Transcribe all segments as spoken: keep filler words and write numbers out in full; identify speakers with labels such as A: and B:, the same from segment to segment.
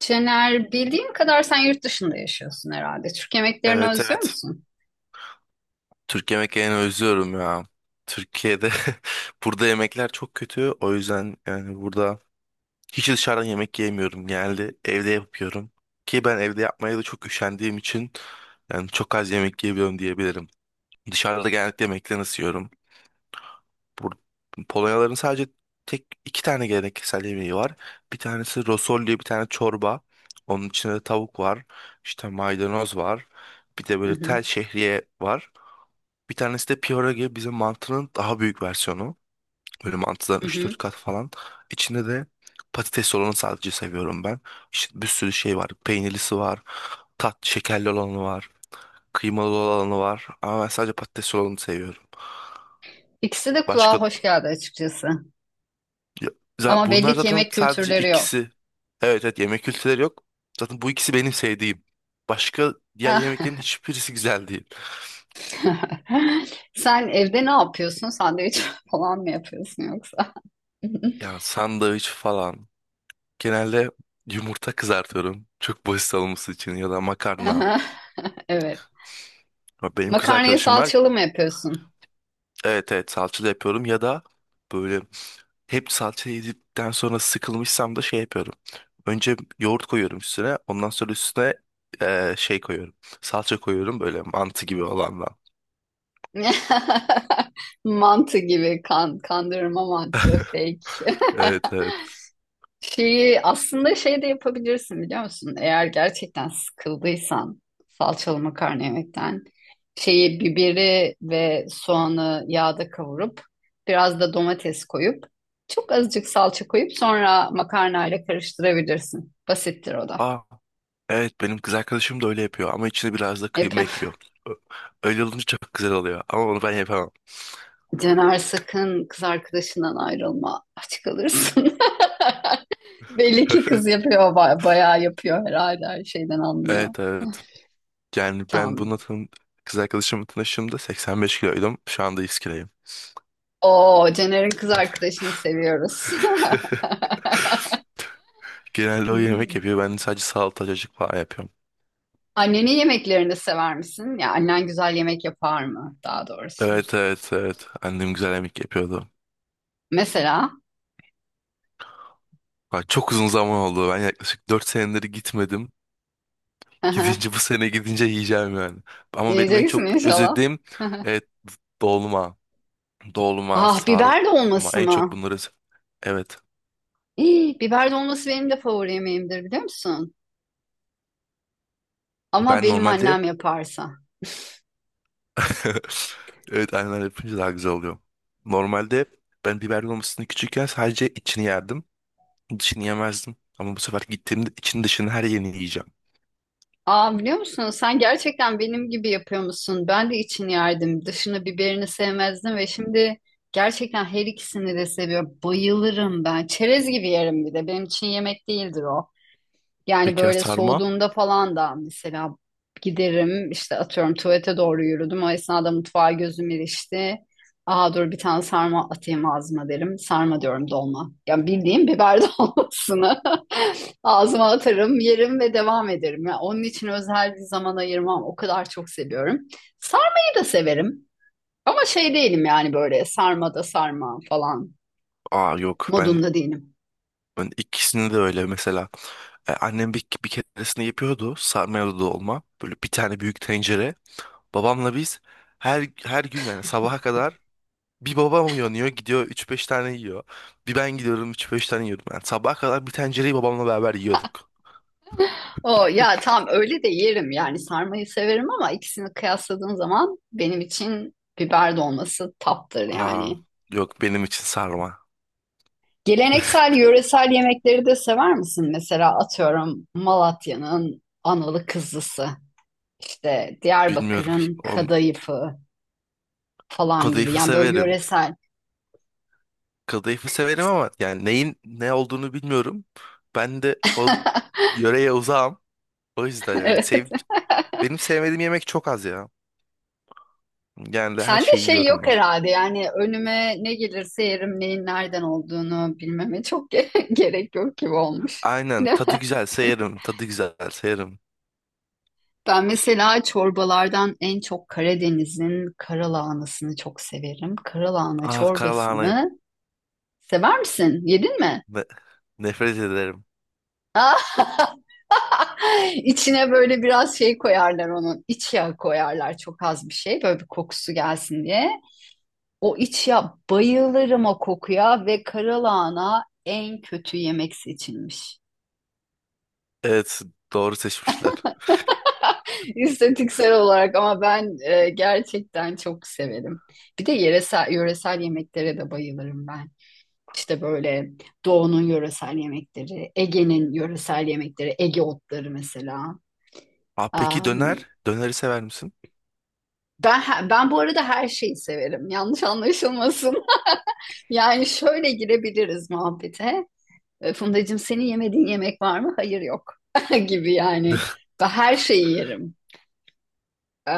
A: Cener, bildiğim kadar sen yurt dışında yaşıyorsun herhalde. Türk yemeklerini
B: Evet,
A: özlüyor
B: evet.
A: musun?
B: Türk yemeklerini özlüyorum ya. Türkiye'de Burada yemekler çok kötü. O yüzden yani burada hiç dışarıdan yemek yemiyorum. Genelde evde yapıyorum. Ki ben evde yapmaya da çok üşendiğim için yani çok az yemek yiyebiliyorum diyebilirim. Dışarıda genellikle yemekten ısıyorum. Bur Polonyaların sadece tek iki tane geleneksel yemeği var. Bir tanesi rosol diye bir tane çorba. Onun içinde tavuk var. İşte maydanoz var. Bir de
A: Hı
B: böyle
A: hı,
B: tel şehriye var. Bir tanesi de pierogi, bizim mantının daha büyük versiyonu. Böyle mantıdan
A: hı
B: üç
A: hı.
B: dört kat falan. İçinde de patates olanı sadece seviyorum ben. İşte bir sürü şey var. Peynirlisi var. Tat şekerli olanı var. Kıymalı olanı var. Ama ben sadece patates olanı seviyorum.
A: İkisi de
B: Başka
A: kulağa hoş geldi açıkçası.
B: ya- za-
A: Ama
B: bunlar
A: belli ki
B: zaten
A: yemek
B: sadece
A: kültürleri yok.
B: ikisi. Evet, evet, yemek kültürleri yok. Zaten bu ikisi benim sevdiğim. Başka diğer yemeklerin hiçbirisi güzel değil.
A: Sen evde ne yapıyorsun? Sandviç falan mı yapıyorsun yoksa?
B: Yani sandviç falan. Genelde yumurta kızartıyorum. Çok basit olması için ya da makarna.
A: Aha. Evet.
B: Ya, benim kız
A: Makarnayı
B: arkadaşım var.
A: salçalı mı yapıyorsun?
B: Evet, evet, salçalı yapıyorum ya da böyle hep salça yedikten sonra sıkılmışsam da şey yapıyorum. Önce yoğurt koyuyorum üstüne. Ondan sonra üstüne eee, şey koyuyorum. Salça koyuyorum böyle mantı gibi olandan.
A: Mantı gibi kan, kandırma mantığı fake.
B: Evet, evet.
A: Şeyi aslında şey de yapabilirsin biliyor musun? Eğer gerçekten sıkıldıysan salçalı makarna yemekten şeyi biberi ve soğanı yağda kavurup biraz da domates koyup çok azıcık salça koyup sonra makarnayla karıştırabilirsin. Basittir o da.
B: Aa, evet, benim kız arkadaşım da öyle yapıyor ama içine biraz da kıyma
A: Yapıyorum.
B: ekliyor. Ö- Öyle olunca çok güzel oluyor ama onu ben yapamam.
A: Caner sakın kız arkadaşından ayrılma. Aç kalırsın. Belli ki kız yapıyor, ba- bayağı yapıyor herhalde her şeyden anlıyor.
B: Evet, evet. Yani ben
A: Tamam.
B: buna tan kız arkadaşımla tanıştığımda seksen beş kiloydum. Şu anda yüz kiloyum.
A: Oo, Caner'in kız arkadaşını seviyoruz.
B: Genelde o yemek
A: Hmm.
B: yapıyor. Ben sadece salata cacık falan yapıyorum.
A: Annenin yemeklerini sever misin? Ya annen güzel yemek yapar mı daha doğrusu?
B: Evet, evet, evet. Annem güzel yemek yapıyordu.
A: Mesela
B: Bak, çok uzun zaman oldu. Ben yaklaşık dört senedir gitmedim.
A: aha.
B: Gidince bu sene gidince yiyeceğim yani. Ama benim en
A: Yiyeceksin
B: çok
A: inşallah.
B: özlediğim,
A: Aha.
B: evet, dolma. Dolma,
A: Ah
B: sarma.
A: biber dolması
B: En çok
A: mı?
B: bunları... Evet.
A: İyi, biber dolması benim de favori yemeğimdir biliyor musun? Ama
B: Ben
A: benim
B: normalde
A: annem yaparsa.
B: evet, aynen, yapınca daha güzel oluyor. Normalde ben biber dolmasını küçükken sadece içini yerdim. Dışını yemezdim. Ama bu sefer gittiğimde için dışını her yerini yiyeceğim.
A: Aa, biliyor musun? Sen gerçekten benim gibi yapıyor musun? Ben de için yerdim. Dışını biberini sevmezdim ve şimdi gerçekten her ikisini de seviyorum. Bayılırım ben. Çerez gibi yerim bir de. Benim için yemek değildir o. Yani
B: Peki ya
A: böyle
B: sarma?
A: soğuduğunda falan da mesela giderim işte atıyorum tuvalete doğru yürüdüm. O esnada mutfağa gözüm ilişti. Aa, dur bir tane sarma atayım ağzıma derim. Sarma diyorum dolma. Yani bildiğim biber dolmasını ağzıma atarım, yerim ve devam ederim. Yani onun için özel bir zaman ayırmam. O kadar çok seviyorum. Sarmayı da severim. Ama şey değilim yani böyle sarma da sarma falan
B: Aa, yok, ben
A: modunda değilim.
B: Ben ikisini de öyle mesela. E, annem bir, bir keresinde yapıyordu sarmayalı dolma. Böyle bir tane büyük tencere. Babamla biz her her gün yani sabaha kadar bir babam uyanıyor gidiyor üç beş tane yiyor. Bir ben gidiyorum üç beş tane yiyordum. Yani sabaha kadar bir tencereyi babamla beraber yiyorduk.
A: O ya tam öyle de yerim yani sarmayı severim ama ikisini kıyasladığım zaman benim için biber dolması taptır
B: Aa,
A: yani.
B: yok, benim için sarma.
A: Geleneksel yöresel yemekleri de sever misin? Mesela atıyorum Malatya'nın analı kızlısı, işte
B: Bilmiyorum.
A: Diyarbakır'ın
B: O,
A: kadayıfı falan gibi.
B: kadayıfı
A: Yani böyle
B: severim.
A: yöresel.
B: Kadayıfı severim ama yani neyin ne olduğunu bilmiyorum. Ben de o yöreye uzağım. O yüzden yani
A: Evet.
B: sev benim sevmediğim yemek çok az ya. Genelde her
A: Sende
B: şeyi
A: şey
B: yiyorum
A: yok
B: ben.
A: herhalde yani önüme ne gelirse yerim neyin nereden olduğunu bilmeme çok ge- gerek yok gibi olmuş.
B: Aynen, tadı güzel yerim. Tadı güzel yerim.
A: Ben mesela çorbalardan en çok Karadeniz'in karalahanasını çok severim. Karalahana
B: Ah, karalahana.
A: çorbasını sever misin? Yedin mi?
B: Ne- nefret ederim.
A: Ah, içine böyle biraz şey koyarlar onun. İç yağı koyarlar çok az bir şey böyle bir kokusu gelsin diye. O iç yağ bayılırım o kokuya ve karalahana en kötü yemek seçilmiş.
B: Evet, doğru seçmişler.
A: İstatistiksel olarak ama ben e, gerçekten çok severim. Bir de yöresel, yöresel yemeklere de bayılırım ben. İşte böyle Doğu'nun yöresel yemekleri, Ege'nin yöresel yemekleri, Ege otları mesela.
B: Ah, peki
A: Am,
B: döner. Döneri sever misin?
A: ben ben bu arada her şeyi severim. Yanlış anlaşılmasın. Yani şöyle girebiliriz muhabbete. E, Fundacığım senin yemediğin yemek var mı? Hayır yok gibi yani. Ben her şeyi yerim. E,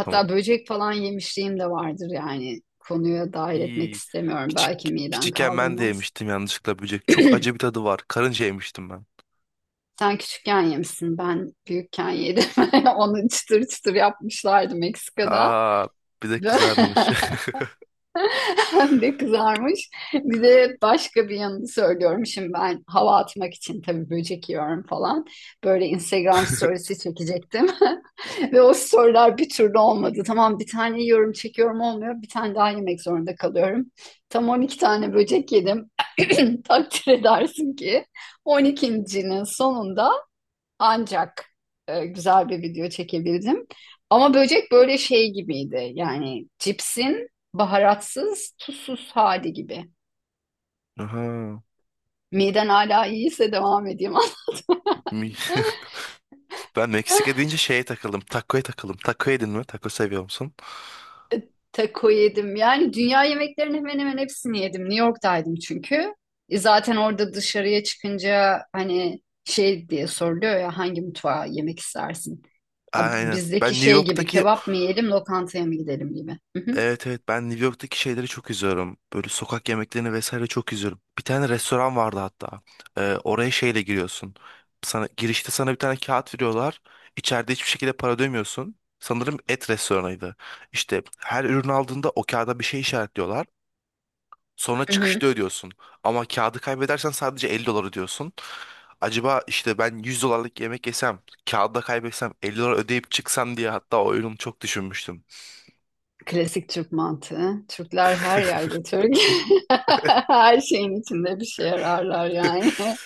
B: Tamam.
A: böcek falan yemişliğim de vardır yani. Konuya dahil etmek
B: İyi.
A: istemiyorum.
B: Küçük,
A: Belki miden
B: küçükken ben de
A: kaldırmaz.
B: yemiştim yanlışlıkla böcek. Çok acı bir tadı var. Karınca yemiştim ben.
A: Sen küçükken yemişsin, ben büyükken yedim. Onu çıtır çıtır yapmışlardı Meksika'da.
B: Aa, bir de kızarmış.
A: Hem de kızarmış. Bir de başka bir yanını söylüyorum. Şimdi ben hava atmak için tabii böcek yiyorum falan. Böyle Instagram storiesi çekecektim. Ve o storyler bir türlü olmadı. Tamam bir tane yiyorum, çekiyorum olmuyor. Bir tane daha yemek zorunda kalıyorum. Tam on iki tane böcek yedim. Takdir edersin ki on ikincinin.'nin sonunda ancak e, güzel bir video çekebildim. Ama böcek böyle şey gibiydi. Yani cipsin baharatsız, tuzsuz hali gibi.
B: Aha.
A: Miden hala iyiyse devam edeyim.
B: Mi- Ben Meksika deyince şeye takıldım. Taco'ya takıldım. Taco yedin mi? Taco seviyor musun?
A: Taco yedim. Yani dünya yemeklerinin hemen hemen hepsini yedim. New York'taydım çünkü. E, zaten orada dışarıya çıkınca hani şey diye soruluyor ya hangi mutfağa yemek istersin? Ya,
B: Aynen.
A: bizdeki
B: Ben New
A: şey gibi
B: York'taki
A: kebap mı yiyelim, lokantaya mı gidelim gibi. Hı hı.
B: Evet, evet, ben New York'taki şeyleri çok izliyorum. Böyle sokak yemeklerini vesaire çok izliyorum. Bir tane restoran vardı hatta. Ee, oraya şeyle giriyorsun. Sana girişte sana bir tane kağıt veriyorlar. İçeride hiçbir şekilde para ödemiyorsun. Sanırım et restoranıydı. İşte her ürün aldığında o kağıda bir şey işaretliyorlar. Sonra
A: Hı hı.
B: çıkışta ödüyorsun. Ama kağıdı kaybedersen sadece elli dolar ödüyorsun. Acaba işte ben yüz dolarlık yemek yesem, kağıdı da kaybetsem elli dolar ödeyip çıksam diye hatta o oyunu çok düşünmüştüm.
A: Klasik Türk mantığı. Türkler her yerde Türk. Her şeyin içinde bir şey ararlar yani.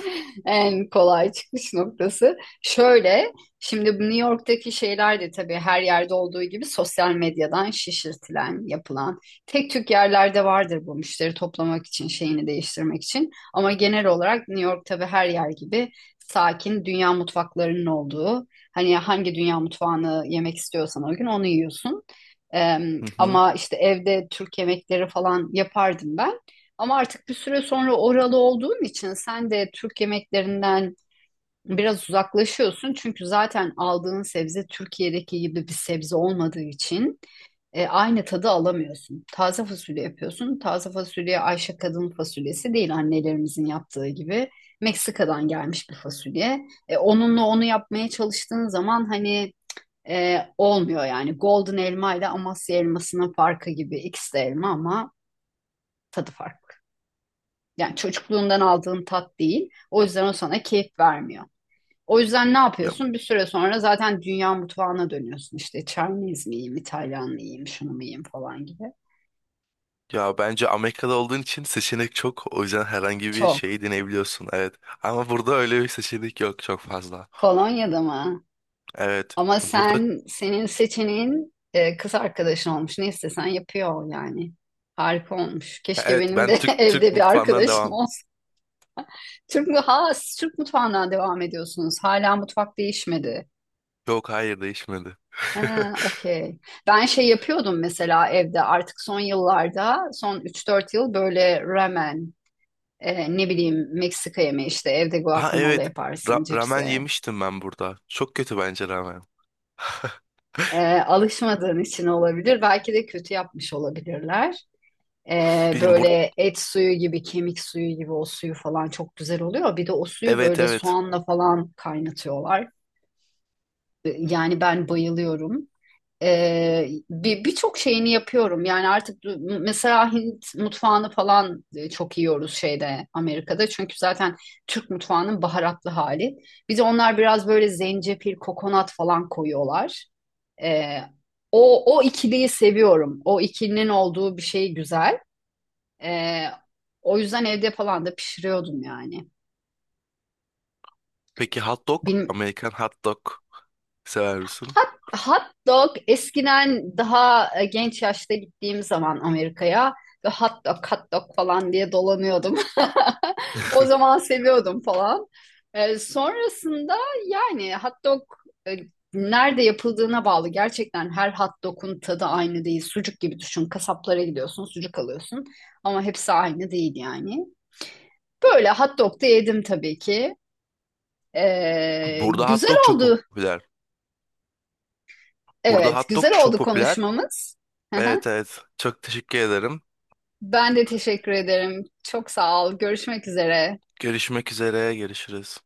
A: En kolay çıkış noktası. Şöyle, şimdi bu New York'taki şeyler de tabii her yerde olduğu gibi sosyal medyadan şişirtilen, yapılan. Tek Türk yerlerde vardır bu müşteri toplamak için, şeyini değiştirmek için. Ama genel olarak New York tabii her yer gibi sakin, dünya mutfaklarının olduğu. Hani hangi dünya mutfağını yemek istiyorsan o gün onu yiyorsun. Em,
B: Hı hı.
A: ama işte evde Türk yemekleri falan yapardım ben. Ama artık bir süre sonra oralı olduğun için sen de Türk yemeklerinden biraz uzaklaşıyorsun. Çünkü zaten aldığın sebze Türkiye'deki gibi bir sebze olmadığı için e, aynı tadı alamıyorsun. Taze fasulye yapıyorsun. Taze fasulye Ayşe kadın fasulyesi değil annelerimizin yaptığı gibi. Meksika'dan gelmiş bir fasulye. E, onunla onu yapmaya çalıştığın zaman hani e, olmuyor yani. Golden elma ile Amasya elmasının farkı gibi. İkisi de elma ama tadı farklı. Yani çocukluğundan aldığın tat değil. O yüzden o sana keyif vermiyor. O yüzden ne
B: Ya,
A: yapıyorsun? Bir süre sonra zaten dünya mutfağına dönüyorsun. İşte Chinese mi yiyeyim, İtalyan mı şunu mu falan gibi.
B: ya bence Amerika'da olduğun için seçenek çok. O yüzden herhangi bir
A: Çok.
B: şeyi deneyebiliyorsun. Evet. Ama burada öyle bir seçenek yok çok fazla.
A: Kolonya'da mı?
B: Evet.
A: Ama
B: Burada
A: sen, senin seçeneğin e, kız arkadaşın olmuş. Ne istesen yapıyor yani. Harika olmuş. Keşke
B: evet,
A: benim
B: ben
A: de
B: Türk Türk
A: evde bir
B: mutfağından
A: arkadaşım
B: devam.
A: olsa. Türk, mü- ha, siz Türk mutfağından devam ediyorsunuz. Hala mutfak değişmedi.
B: Yok, hayır, değişmedi.
A: Ha, okey. Ben şey yapıyordum mesela evde artık son yıllarda, son üç dört yıl böyle ramen, e, ne bileyim Meksika yemeği işte evde
B: Ha,
A: guacamole
B: evet.
A: yaparsın
B: Ra- ramen
A: cipsle.
B: yemiştim ben burada. Çok kötü bence ramen.
A: E, alışmadığın için olabilir. Belki de kötü yapmış olabilirler. E,
B: Bilmiyorum bur
A: böyle et suyu gibi, kemik suyu gibi o suyu falan çok güzel oluyor. Bir de o suyu
B: Evet,
A: böyle
B: evet.
A: soğanla falan kaynatıyorlar. E, yani ben bayılıyorum. Ee, bir birçok şeyini yapıyorum. Yani artık du- mesela Hint mutfağını falan e, çok yiyoruz şeyde Amerika'da. Çünkü zaten Türk mutfağının baharatlı hali. Bir de onlar biraz böyle zencefil, kokonat falan koyuyorlar. Ee, o o ikiliyi seviyorum. O ikilinin olduğu bir şey güzel. Ee, o yüzden evde falan da pişiriyordum yani.
B: Peki hot dog?
A: Bil-
B: Amerikan hot dog sever misin?
A: Hot, hot dog eskiden daha e, genç yaşta gittiğim zaman Amerika'ya ve hot dog hot dog falan diye dolanıyordum. O zaman seviyordum falan. E, sonrasında yani hot dog e, nerede yapıldığına bağlı. Gerçekten her hot dog'un tadı aynı değil. Sucuk gibi düşün. Kasaplara gidiyorsun, sucuk alıyorsun. Ama hepsi aynı değil yani. Böyle hot dog da yedim tabii ki. E,
B: Burada hot
A: güzel
B: dog çok
A: oldu.
B: popüler. Burada
A: Evet,
B: hot dog
A: güzel
B: çok
A: oldu
B: popüler.
A: konuşmamız.
B: Evet, evet. Çok teşekkür ederim.
A: Ben de teşekkür ederim. Çok sağ ol. Görüşmek üzere.
B: Görüşmek üzere. Görüşürüz.